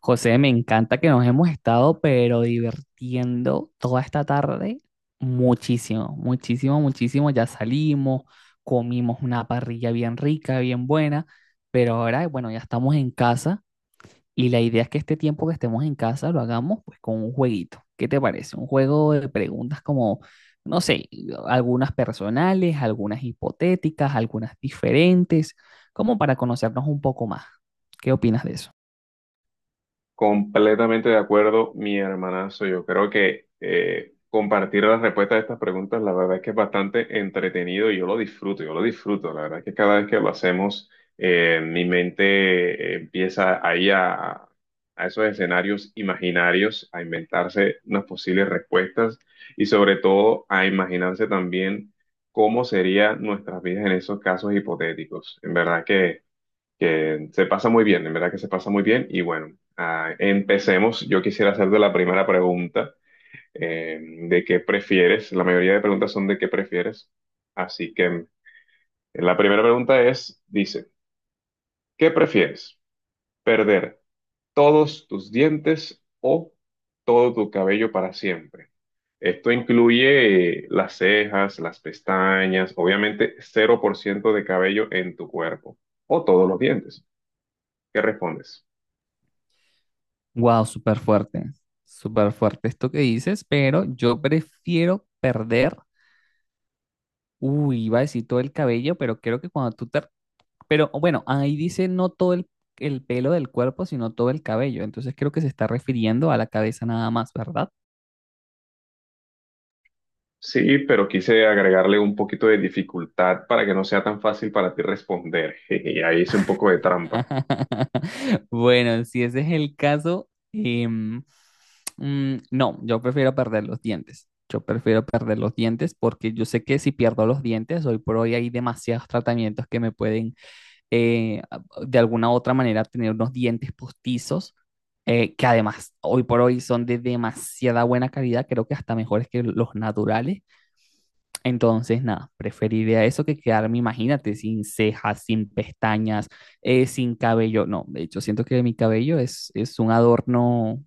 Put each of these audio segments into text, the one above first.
José, me encanta que nos hemos estado, pero divirtiendo toda esta tarde muchísimo, muchísimo, muchísimo. Ya salimos, comimos una parrilla bien rica, bien buena, pero ahora, bueno, ya estamos en casa y la idea es que este tiempo que estemos en casa lo hagamos pues con un jueguito. ¿Qué te parece? Un juego de preguntas como, no sé, algunas personales, algunas hipotéticas, algunas diferentes, como para conocernos un poco más. ¿Qué opinas de eso? Completamente de acuerdo, mi hermanazo. Yo creo que compartir las respuestas a estas preguntas, la verdad es que es bastante entretenido y yo lo disfruto, yo lo disfruto. La verdad es que cada vez que lo hacemos, mi mente empieza ahí a esos escenarios imaginarios, a inventarse unas posibles respuestas y sobre todo a imaginarse también cómo serían nuestras vidas en esos casos hipotéticos. En verdad que se pasa muy bien, en verdad que se pasa muy bien. Y bueno, empecemos. Yo quisiera hacerte la primera pregunta de qué prefieres. La mayoría de preguntas son de qué prefieres. Así que la primera pregunta es, dice, ¿qué prefieres? ¿Perder todos tus dientes o todo tu cabello para siempre? Esto incluye las cejas, las pestañas, obviamente cero por ciento de cabello en tu cuerpo o todos los dientes. ¿Qué respondes? Wow, súper fuerte esto que dices, pero yo prefiero perder, uy, iba a decir todo el cabello, pero creo que cuando tú te... Pero bueno, ahí dice no todo el pelo del cuerpo, sino todo el cabello, entonces creo que se está refiriendo a la cabeza nada más, ¿verdad? Sí, pero quise agregarle un poquito de dificultad para que no sea tan fácil para ti responder. Y ahí hice un poco de trampa. Bueno, si ese es el caso, no, yo prefiero perder los dientes. Yo prefiero perder los dientes porque yo sé que si pierdo los dientes, hoy por hoy hay demasiados tratamientos que me pueden eh, de alguna u otra manera tener unos dientes postizos, que además hoy por hoy son de demasiada buena calidad, creo que hasta mejores que los naturales. Entonces, nada, preferiría eso que quedarme, imagínate, sin cejas, sin pestañas, sin cabello. No, de hecho, siento que mi cabello es un adorno,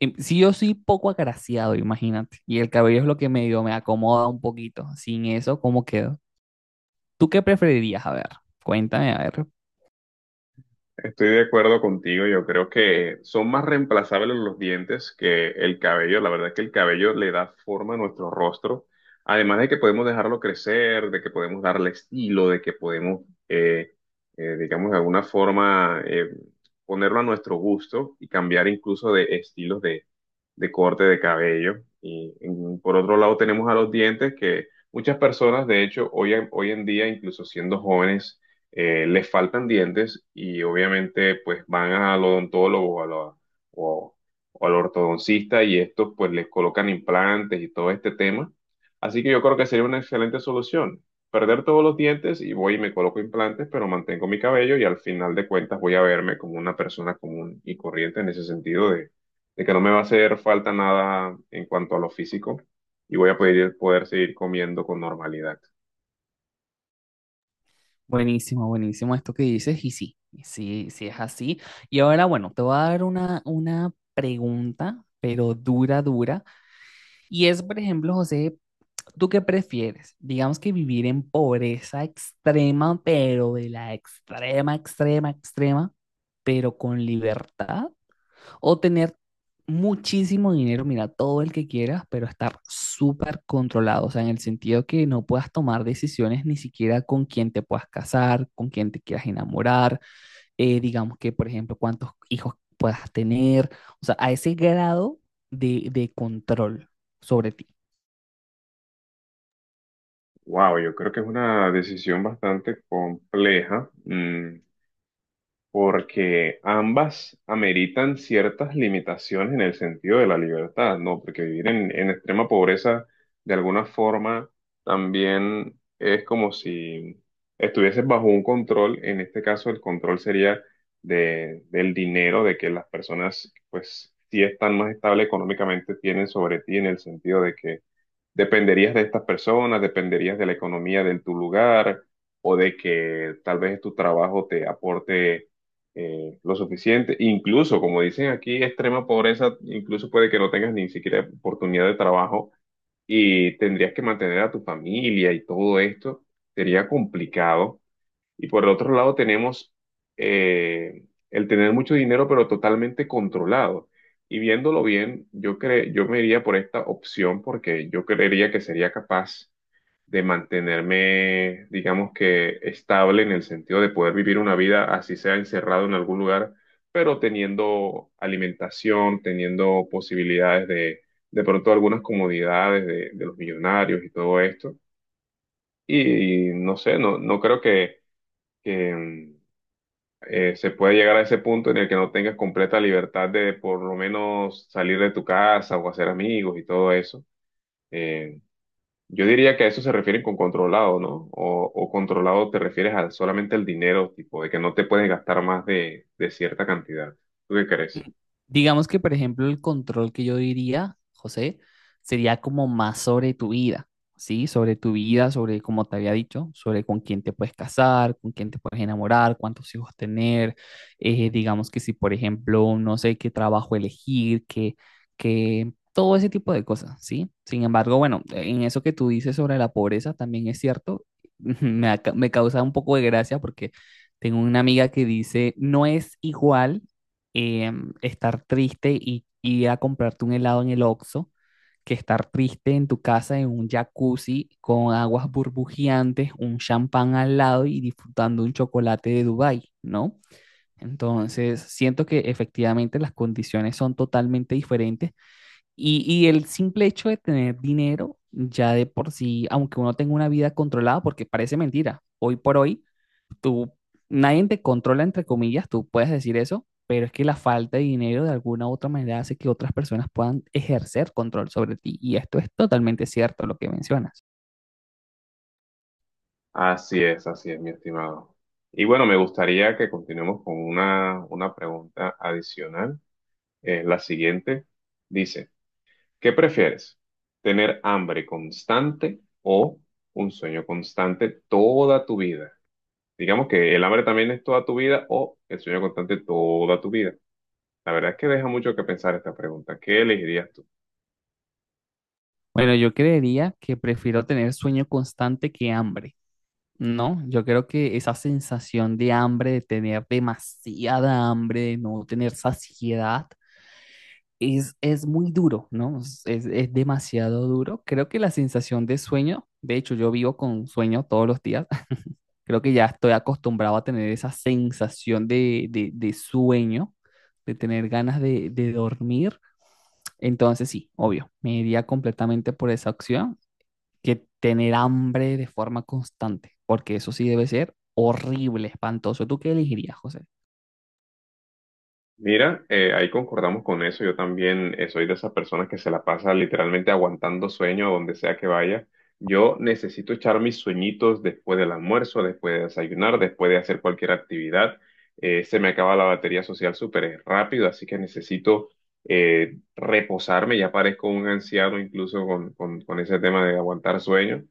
sí yo soy poco agraciado, imagínate, y el cabello es lo que medio me acomoda un poquito. Sin eso, ¿cómo quedo? ¿Tú qué preferirías? A ver, cuéntame, a ver. Estoy de acuerdo contigo, yo creo que son más reemplazables los dientes que el cabello. La verdad es que el cabello le da forma a nuestro rostro. Además de que podemos dejarlo crecer, de que podemos darle estilo, de que eh, digamos, de alguna forma ponerlo a nuestro gusto y cambiar incluso de estilos de corte de cabello. Por otro lado tenemos a los dientes que muchas personas, de hecho, hoy en día, incluso siendo jóvenes, les faltan dientes y obviamente pues van al odontólogo o, a la- o- o al ortodoncista y estos pues les colocan implantes y todo este tema. Así que yo creo que sería una excelente solución. Perder todos los dientes y voy y me coloco implantes, pero mantengo mi cabello y al final de cuentas voy a verme como una persona común y corriente en ese sentido de que no me va a hacer falta nada en cuanto a lo físico y voy a poder seguir comiendo con normalidad. Buenísimo, buenísimo esto que dices, y sí, sí, sí es así. Y ahora, bueno, te voy a dar una pregunta, pero dura, dura, y es, por ejemplo, José, ¿tú qué prefieres? Digamos que vivir en pobreza extrema, pero de la extrema, extrema, extrema, pero con libertad, o tener muchísimo dinero, mira, todo el que quieras, pero estar súper controlado, o sea, en el sentido que no puedas tomar decisiones ni siquiera con quién te puedas casar, con quién te quieras enamorar, digamos que, por ejemplo, cuántos hijos puedas tener, o sea, a ese grado de control sobre ti. Wow, yo creo que es una decisión bastante compleja. Mm, porque ambas ameritan ciertas limitaciones en el sentido de la libertad, ¿no? Porque vivir en extrema pobreza, de alguna forma, también es como si estuvieses bajo un control, en este caso el control sería del dinero, de que las personas, pues, si están más estables económicamente, tienen sobre ti en el sentido de que dependerías de estas personas, dependerías de la economía de tu lugar o de que tal vez tu trabajo te aporte lo suficiente. Incluso, como dicen aquí, extrema pobreza, incluso puede que no tengas ni siquiera oportunidad de trabajo y tendrías que mantener a tu familia y todo esto. Sería complicado. Y por el otro lado tenemos eh, el tener mucho dinero, pero totalmente controlado. Y viéndolo bien, yo me iría por esta opción porque yo creería que sería capaz de mantenerme, digamos que estable en el sentido de poder vivir una vida así sea encerrado en algún lugar, pero teniendo alimentación, teniendo posibilidades de pronto algunas comodidades de los millonarios y todo esto. Y no sé, no creo que se puede llegar a ese punto en el que no tengas completa libertad de por lo menos salir de tu casa o hacer amigos y todo eso. Eh, yo diría que a eso se refieren con controlado, ¿no? O controlado te refieres a solamente al dinero, tipo, de que no te puedes gastar más de cierta cantidad. ¿Tú qué Mm, crees? digamos que, por ejemplo, el control que yo diría, José, sería como más sobre tu vida, ¿sí? Sobre tu vida, sobre, como te había dicho, sobre con quién te puedes casar, con quién te puedes enamorar, cuántos hijos tener. Digamos que si, por ejemplo, no sé qué trabajo elegir, que todo ese tipo de cosas, ¿sí? Sin embargo, bueno, en eso que tú dices sobre la pobreza también es cierto. Me, aca- me causa un poco de gracia porque tengo una amiga que dice, no es igual estar triste y ir a comprarte un helado en el Oxxo que estar triste en tu casa en un jacuzzi con aguas burbujeantes, un champán al lado y disfrutando un chocolate de Dubái, ¿no? Entonces, siento que efectivamente las condiciones son totalmente diferentes. Y el simple hecho de tener dinero, ya de por sí, aunque uno tenga una vida controlada, porque parece mentira, hoy por hoy, tú, nadie te controla, entre comillas, tú puedes decir eso, pero es que la falta de dinero de alguna u otra manera hace que otras personas puedan ejercer control sobre ti. Y esto es totalmente cierto, lo que mencionas. Así es, mi estimado. Y bueno, me gustaría que continuemos con una pregunta adicional. La siguiente dice. ¿Qué prefieres? ¿Tener hambre constante o un sueño constante toda tu vida? Digamos que el hambre también es toda tu vida o el sueño constante toda tu vida. La verdad es que deja mucho que pensar esta pregunta. ¿Qué elegirías tú? Bueno, yo creería que prefiero tener sueño constante que hambre. No, yo creo que esa sensación de hambre, de tener demasiada hambre, de no tener saciedad, es muy duro, ¿no? Es, es demasiado duro. Creo que la sensación de sueño, de hecho yo vivo con sueño todos los días, creo que ya estoy acostumbrado a tener esa sensación de, de sueño, de tener ganas de dormir. Entonces sí, obvio, me iría completamente por esa opción que tener hambre de forma constante, porque eso sí debe ser horrible, espantoso. ¿Tú qué elegirías, José? Mira, ahí concordamos con eso. Yo también soy de esas personas que se la pasa literalmente aguantando sueño donde sea que vaya. Yo necesito echar mis sueñitos después del almuerzo, después de desayunar, después de hacer cualquier actividad. Se me acaba la batería social súper rápido, así que necesito reposarme. Ya parezco un anciano incluso con ese tema de aguantar sueño,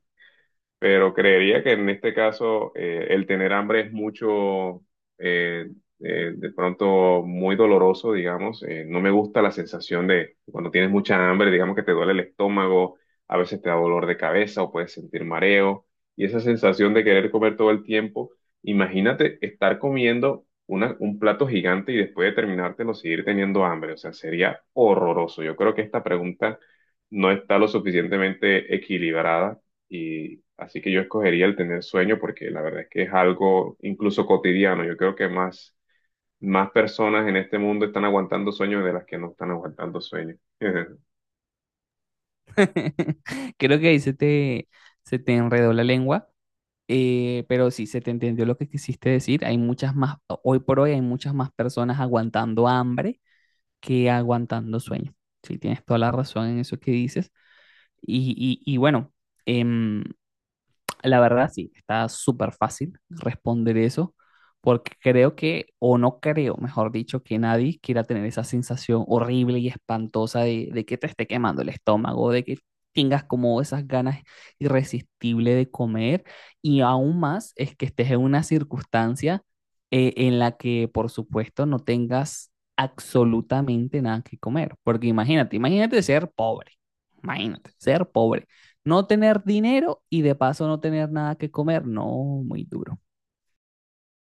pero creería que en este caso el tener hambre es eh, de pronto muy doloroso, digamos. No me gusta la sensación de cuando tienes mucha hambre, digamos que te duele el estómago, a veces te da dolor de cabeza o puedes sentir mareo. Y esa sensación de querer comer todo el tiempo, imagínate estar comiendo un plato gigante y después de terminártelo seguir teniendo hambre. O sea, sería horroroso. Yo creo que esta pregunta no está lo suficientemente equilibrada y así que yo escogería el tener sueño porque la verdad es que es algo incluso cotidiano. Yo creo que más, más personas en este mundo están aguantando sueños de las que no están aguantando sueños. Creo que ahí se te enredó la lengua. Pero sí, se te entendió lo que quisiste decir. Hay muchas más, hoy por hoy hay muchas más personas aguantando hambre que aguantando sueño. Sí, tienes toda la razón en eso que dices. Y, y bueno, em, la verdad, sí, está súper fácil responder eso, porque creo que, o no creo, mejor dicho, que nadie quiera tener esa sensación horrible y espantosa de que te esté quemando el estómago, de que tengas como esas ganas irresistibles de comer, y aún más es que estés en una circunstancia en la que, por supuesto, no tengas absolutamente nada que comer, porque imagínate, imagínate ser pobre no tener dinero y de paso no tener nada que comer, no, muy duro.